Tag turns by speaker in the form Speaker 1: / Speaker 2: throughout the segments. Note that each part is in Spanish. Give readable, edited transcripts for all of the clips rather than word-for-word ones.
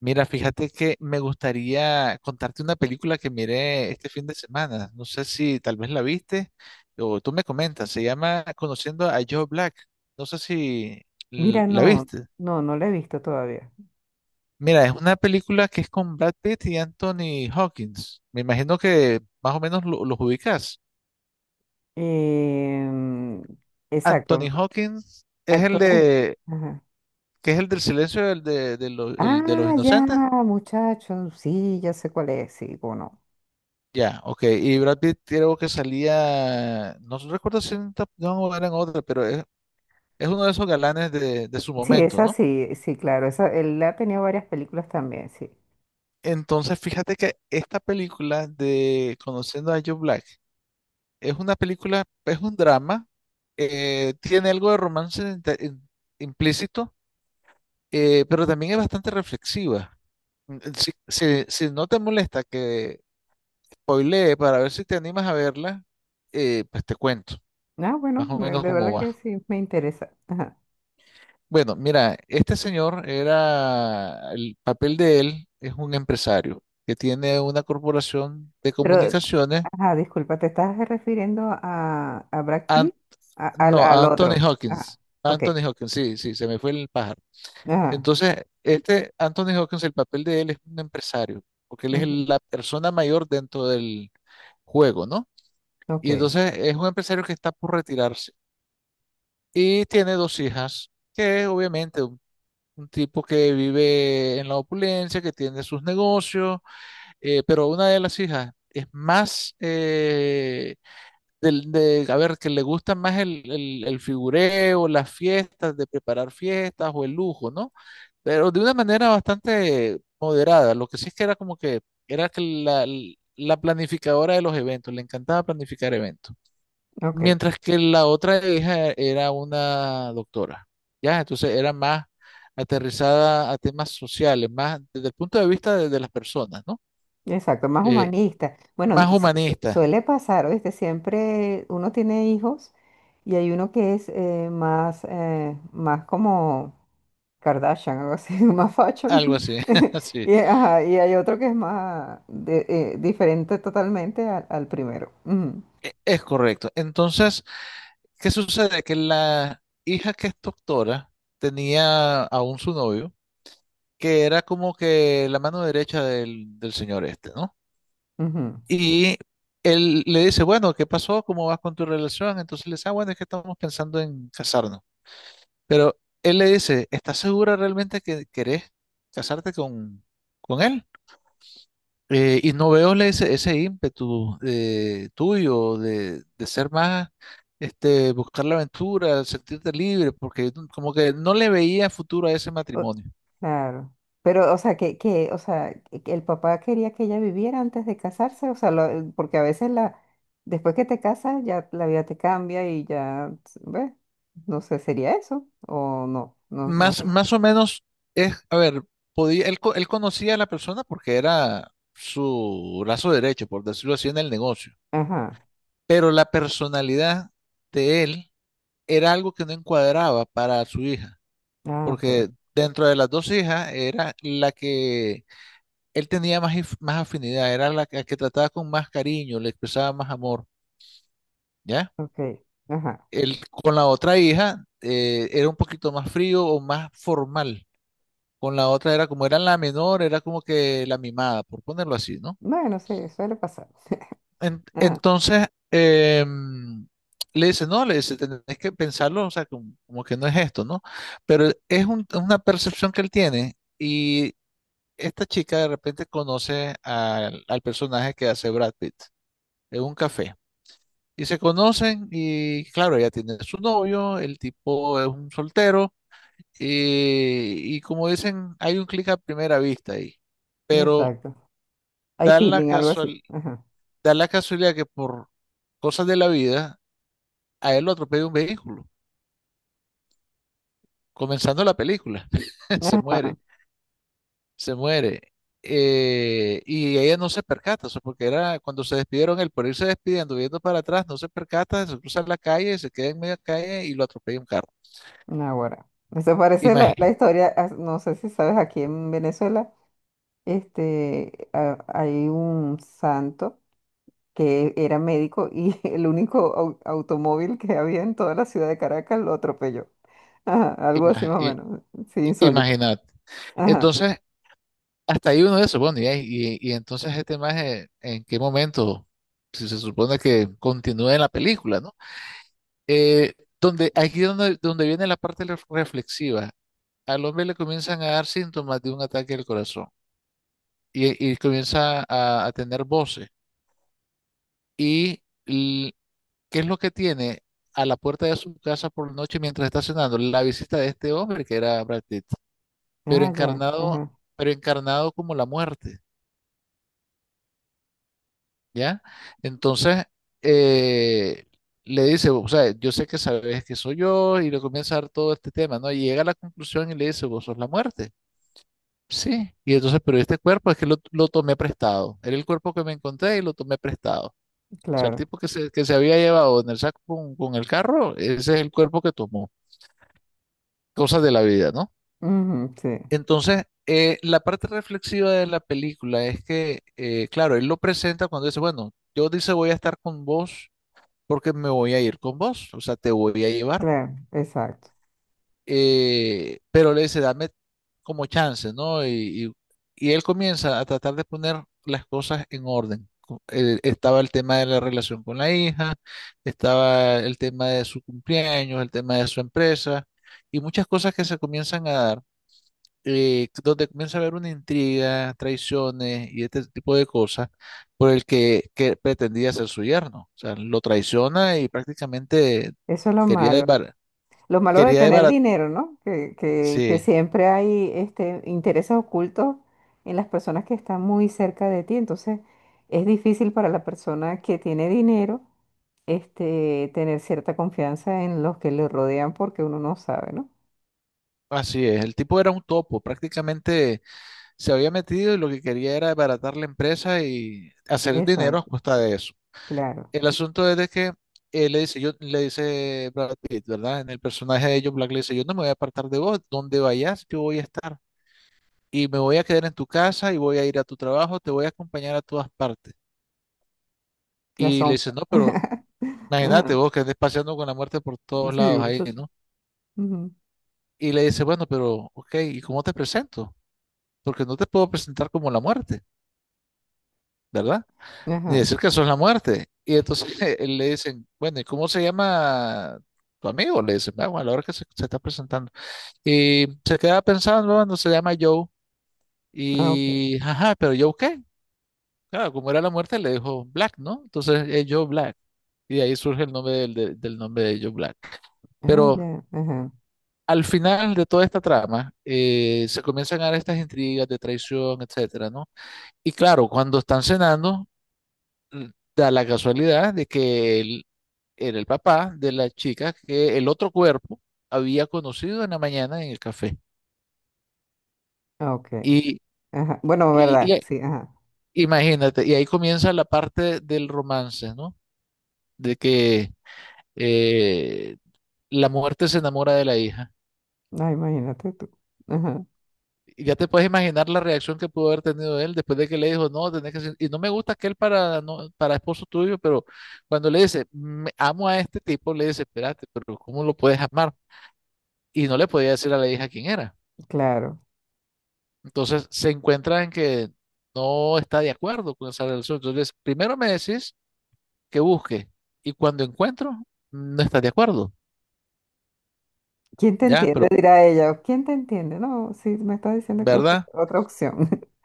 Speaker 1: Mira, fíjate que me gustaría contarte una película que miré este fin de semana. No sé si tal vez la viste o tú me comentas. Se llama Conociendo a Joe Black. No sé si
Speaker 2: Mira,
Speaker 1: la
Speaker 2: no,
Speaker 1: viste.
Speaker 2: no, no la he visto todavía.
Speaker 1: Mira, es una película que es con Brad Pitt y Anthony Hawkins. Me imagino que más o menos los ubicas.
Speaker 2: Em,
Speaker 1: Anthony
Speaker 2: exacto,
Speaker 1: Hawkins es el
Speaker 2: actores. Ajá.
Speaker 1: que es el del silencio el de los
Speaker 2: Ah, ya,
Speaker 1: inocentes.
Speaker 2: muchacho, sí, ya sé cuál es, sí, o no.
Speaker 1: Ya, ok. Y Brad Pitt creo que salía, no recuerdo si en Top Gun o era en otra, pero es uno de esos galanes de su
Speaker 2: Sí,
Speaker 1: momento,
Speaker 2: esa
Speaker 1: ¿no?
Speaker 2: sí, sí, claro, esa, él ha tenido varias películas también, sí.
Speaker 1: Entonces, fíjate que esta película de Conociendo a Joe Black es una es un drama, tiene algo de romance implícito, pero también es bastante reflexiva. Si no te molesta que spoilee para ver si te animas a verla, pues te cuento
Speaker 2: Ah, bueno,
Speaker 1: más o menos
Speaker 2: de
Speaker 1: cómo
Speaker 2: verdad
Speaker 1: va.
Speaker 2: que sí, me interesa. Ajá.
Speaker 1: Bueno, mira, este señor el papel de él es un empresario que tiene una corporación de
Speaker 2: Pero,
Speaker 1: comunicaciones.
Speaker 2: ajá, disculpa, ¿te estás refiriendo a Brad
Speaker 1: An-
Speaker 2: Pitt?
Speaker 1: no,
Speaker 2: Al
Speaker 1: Anthony
Speaker 2: otro. Ah,
Speaker 1: Hawkins,
Speaker 2: ok.
Speaker 1: Anthony Hawkins, sí, sí, se me fue el pájaro.
Speaker 2: Ajá.
Speaker 1: Entonces, este Anthony Hawkins, el papel de él es un empresario, porque él es
Speaker 2: Ujú.
Speaker 1: la persona mayor dentro del juego, ¿no? Y
Speaker 2: Ok,
Speaker 1: entonces es un empresario que está por retirarse y tiene dos hijas, que obviamente un tipo que vive en la opulencia, que tiene sus negocios. Pero una de las hijas es más a ver, que le gusta más el figureo, las fiestas, de preparar fiestas o el lujo, ¿no? Pero de una manera bastante moderada. Lo que sí es que era como que era la planificadora de los eventos, le encantaba planificar eventos.
Speaker 2: ok.
Speaker 1: Mientras que la otra hija era una doctora, ¿ya? Entonces era más aterrizada a temas sociales, más desde el punto de vista de las personas, ¿no?
Speaker 2: Exacto, más
Speaker 1: Eh,
Speaker 2: humanista. Bueno,
Speaker 1: más humanista,
Speaker 2: suele pasar, ¿viste? Siempre uno tiene hijos y hay uno que es más, más como Kardashian, algo así, más fashion.
Speaker 1: algo así, sí,
Speaker 2: Y, ajá, y hay otro que es más diferente totalmente al primero. Ujú,
Speaker 1: es correcto. Entonces, ¿qué sucede? Que la hija que es doctora tenía aún su novio, que era como que la mano derecha del señor este, ¿no?
Speaker 2: ujú.
Speaker 1: Y él le dice, bueno, ¿qué pasó? ¿Cómo vas con tu relación? Entonces le dice, ah, bueno, es que estamos pensando en casarnos. Pero él le dice, ¿estás segura realmente que querés casarte con él? Y no veo ese ímpetu tuyo de ser más, este, buscar la aventura, sentirte libre, porque como que no le veía futuro a ese
Speaker 2: O-
Speaker 1: matrimonio.
Speaker 2: claro. Pero, o sea, o sea, que el papá quería que ella viviera antes de casarse, o sea, porque a veces la, después que te casas, ya la vida te cambia y ya, ¿ves? No sé, ¿sería eso? O no, no, no
Speaker 1: Más,
Speaker 2: es.
Speaker 1: más o menos es, a ver, podía, él, él conocía a la persona porque era su brazo derecho, por decirlo así, en el negocio,
Speaker 2: Ajá.
Speaker 1: pero la personalidad de él era algo que no encuadraba para su hija,
Speaker 2: Ah, ok,
Speaker 1: porque dentro de las dos hijas era la que él tenía más afinidad, era la que trataba con más cariño, le expresaba más amor, ¿ya?
Speaker 2: ok. Ajá.
Speaker 1: Él con la otra hija era un poquito más frío o más formal. Con la otra era como era la menor, era como que la mimada, por ponerlo así, ¿no?
Speaker 2: Bueno, sí, suele pasar. Ajá.
Speaker 1: Entonces, le dice, no, le dice, tenés que pensarlo, o sea, como, como que no es esto, ¿no? Pero es una percepción que él tiene y esta chica de repente conoce al personaje que hace Brad Pitt en un café. Y se conocen y claro, ella tiene su novio, el tipo es un soltero y como dicen, hay un clic a primera vista ahí. Pero
Speaker 2: Exacto. Hay
Speaker 1: da la
Speaker 2: feeling, algo así.
Speaker 1: casual,
Speaker 2: Ajá.
Speaker 1: da la casualidad que por cosas de la vida a él lo atropella un vehículo, comenzando la película. Se
Speaker 2: Ajá.
Speaker 1: se muere. Y ella no se percata, o sea, porque era cuando se despidieron, él por irse despidiendo, viendo para atrás, no se percata, se cruza la calle, se queda en media calle y lo atropella un carro.
Speaker 2: Ahora. Eso parece la historia, ah, no sé si sabes, aquí en Venezuela. Este, hay un santo que era médico y el único automóvil que había en toda la ciudad de Caracas lo atropelló. Ajá, algo así más o
Speaker 1: Imagínate.
Speaker 2: menos. Sí, insólito.
Speaker 1: Imagínate.
Speaker 2: Ajá.
Speaker 1: Entonces, hasta ahí uno se supone, ya, y entonces este maje, ¿en qué momento? Si se supone que continúa en la película, ¿no? Eh, donde viene la parte reflexiva. Al hombre le comienzan a dar síntomas de un ataque al corazón y comienza a tener voces. ¿Y qué es lo que tiene a la puerta de su casa por la noche mientras está cenando? La visita de este hombre que era Brad Pitt, pero
Speaker 2: Ah, ya.
Speaker 1: encarnado,
Speaker 2: Ajá.
Speaker 1: pero encarnado como la muerte. ¿Ya? Entonces, eh, le dice, o sea, yo sé que sabes que soy yo, y le comienza a dar todo este tema, ¿no? Y llega a la conclusión y le dice, vos sos la muerte. Sí, y entonces, pero este cuerpo es que lo tomé prestado. Era el cuerpo que me encontré y lo tomé prestado. O sea, el
Speaker 2: Claro.
Speaker 1: tipo que se había llevado en el saco con el carro, ese es el cuerpo que tomó. Cosas de la vida, ¿no?
Speaker 2: Ujú, sí,
Speaker 1: Entonces, la parte reflexiva de la película es que, claro, él lo presenta cuando dice, bueno, yo dice voy a estar con vos porque me voy a ir con vos, o sea, te voy a llevar.
Speaker 2: claro, exacto.
Speaker 1: Pero le dice, dame como chance, ¿no? Y él comienza a tratar de poner las cosas en orden. Estaba el tema de la relación con la hija, estaba el tema de su cumpleaños, el tema de su empresa y muchas cosas que se comienzan a dar donde comienza a haber una intriga, traiciones y este tipo de cosas por que pretendía ser su yerno. O sea, lo traiciona y prácticamente
Speaker 2: Eso es lo
Speaker 1: quería
Speaker 2: malo.
Speaker 1: desbaratar.
Speaker 2: Lo malo de
Speaker 1: Quería
Speaker 2: tener
Speaker 1: desbarat-
Speaker 2: dinero, ¿no? Que
Speaker 1: Sí,
Speaker 2: siempre hay este, intereses ocultos en las personas que están muy cerca de ti. Entonces, es difícil para la persona que tiene dinero, este, tener cierta confianza en los que le rodean porque uno no sabe, ¿no?
Speaker 1: así es. El tipo era un topo. Prácticamente se había metido y lo que quería era desbaratar la empresa y hacer dinero a
Speaker 2: Exacto,
Speaker 1: costa de eso.
Speaker 2: claro.
Speaker 1: El asunto es de que él le dice, yo, le dice Brad Pitt, ¿verdad? En el personaje de John Black le dice, yo no me voy a apartar de vos, donde vayas, yo voy a estar. Y me voy a quedar en tu casa y voy a ir a tu trabajo, te voy a acompañar a todas partes.
Speaker 2: La
Speaker 1: Y le
Speaker 2: sombra.
Speaker 1: dice, no, pero imagínate
Speaker 2: Ajá.
Speaker 1: vos que andes paseando con la muerte por todos
Speaker 2: Sí,
Speaker 1: lados ahí,
Speaker 2: muchacho.
Speaker 1: ¿no?
Speaker 2: Ujú.
Speaker 1: Y le dice, bueno, pero, ok, ¿y cómo te presento? Porque no te puedo presentar como la muerte, ¿verdad? Ni
Speaker 2: Ajá.
Speaker 1: decir que sos la muerte. Y entonces él le dicen, bueno, ¿y cómo se llama tu amigo? Le dicen, ah, bueno, a la hora se está presentando. Y se queda pensando, bueno, se llama Joe.
Speaker 2: Ah, ok.
Speaker 1: Y, ajá, ¿pero Joe qué? Claro, como era la muerte, le dijo Black, ¿no? Entonces, es Joe Black. Y de ahí surge el nombre del nombre de Joe Black.
Speaker 2: Ah,
Speaker 1: Pero
Speaker 2: ya. Ajá.
Speaker 1: al final de toda esta trama, se comienzan a dar estas intrigas de traición, etcétera, ¿no? Y claro, cuando están cenando, mm, da la casualidad de que él era el papá de la chica que el otro cuerpo había conocido en la mañana en el café.
Speaker 2: Ah, ok.
Speaker 1: Y,
Speaker 2: Ajá. Bueno, verdad.
Speaker 1: y
Speaker 2: Sí, ajá.
Speaker 1: imagínate, y ahí comienza la parte del romance, ¿no? De que eh, la muerte se enamora de la hija.
Speaker 2: Ah, imagínate tú. Ajá.
Speaker 1: Y ya te puedes imaginar la reacción que pudo haber tenido él después de que le dijo, no, tenés que ser-. Y no me gusta aquel para, no, para esposo tuyo, pero cuando le dice, Me- amo a este tipo, le dice, espérate, pero ¿cómo lo puedes amar? Y no le podía decir a la hija quién era.
Speaker 2: Claro.
Speaker 1: Entonces se encuentra en que no está de acuerdo con esa relación. Entonces, primero me decís que busque y cuando encuentro, no estás de acuerdo,
Speaker 2: ¿Quién te
Speaker 1: ¿ya? Pero,
Speaker 2: entiende? Dirá ella. ¿Quién te entiende? No, sí, me está diciendo que busque
Speaker 1: ¿verdad?
Speaker 2: otra opción.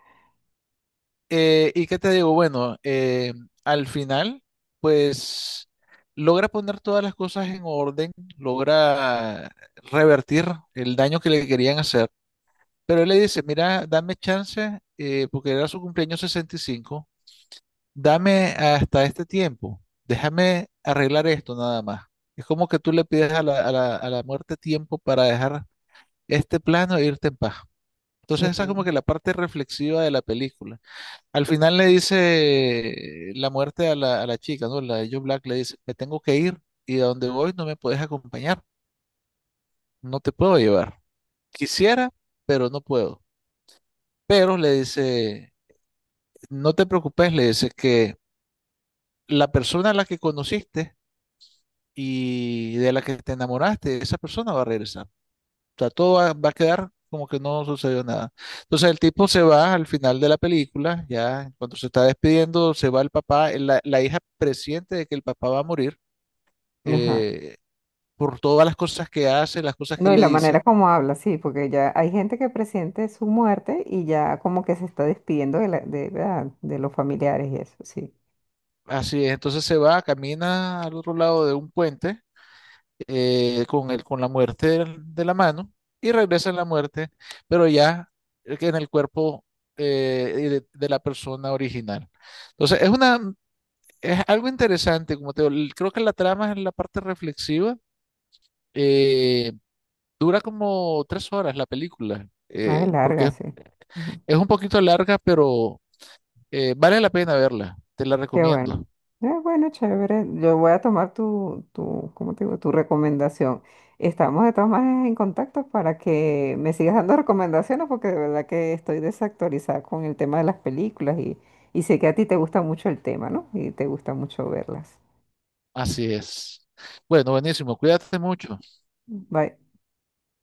Speaker 1: ¿Y qué te digo? Bueno, al final, pues logra poner todas las cosas en orden, logra revertir el daño que le querían hacer. Pero él le dice, mira, dame chance, porque era su cumpleaños 65, dame hasta este tiempo, déjame arreglar esto nada más. Es como que tú le pides a a la muerte tiempo para dejar este plano e irte en paz. Entonces esa es como
Speaker 2: Claro.
Speaker 1: que la parte reflexiva de la película al final le dice la muerte a a la chica, ¿no? La de Joe Black le dice, me tengo que ir y a donde voy no me puedes acompañar, no te puedo llevar. Quisiera, pero no puedo. Pero le dice, no te preocupes, le dice que la persona a la que conociste y de la que te enamoraste, esa persona va a regresar. O sea, todo va a quedar como que no sucedió nada. Entonces el tipo se va al final de la película, ya cuando se está despidiendo, se va el papá, la hija presiente de que el papá va a morir
Speaker 2: Ajá.
Speaker 1: eh, por todas las cosas que hace, las cosas que
Speaker 2: No, y
Speaker 1: le
Speaker 2: la manera
Speaker 1: dice.
Speaker 2: como habla, sí, porque ya hay gente que presiente su muerte y ya como que se está despidiendo de ¿verdad? De los familiares y eso, sí.
Speaker 1: Así es, entonces se va, camina al otro lado de un puente con la muerte de la mano y regresa en la muerte, pero ya que en el cuerpo de la persona original. Entonces es es algo interesante, como te digo, el- creo que la trama es la parte reflexiva. Eh, dura como 3 horas la película,
Speaker 2: Ah, es larga,
Speaker 1: porque
Speaker 2: sí. Ujú.
Speaker 1: es un poquito larga, pero eh, vale la pena verla, te la
Speaker 2: Qué bueno.
Speaker 1: recomiendo.
Speaker 2: Bueno, chévere. Yo voy a tomar tu, ¿cómo te digo? Tu recomendación. Estamos de todas maneras en contacto para que me sigas dando recomendaciones porque de verdad que estoy desactualizada con el tema de las películas y sé que a ti te gusta mucho el tema, ¿no? Y te gusta mucho verlas.
Speaker 1: Así es. Bueno, buenísimo, cuídate mucho.
Speaker 2: Bye.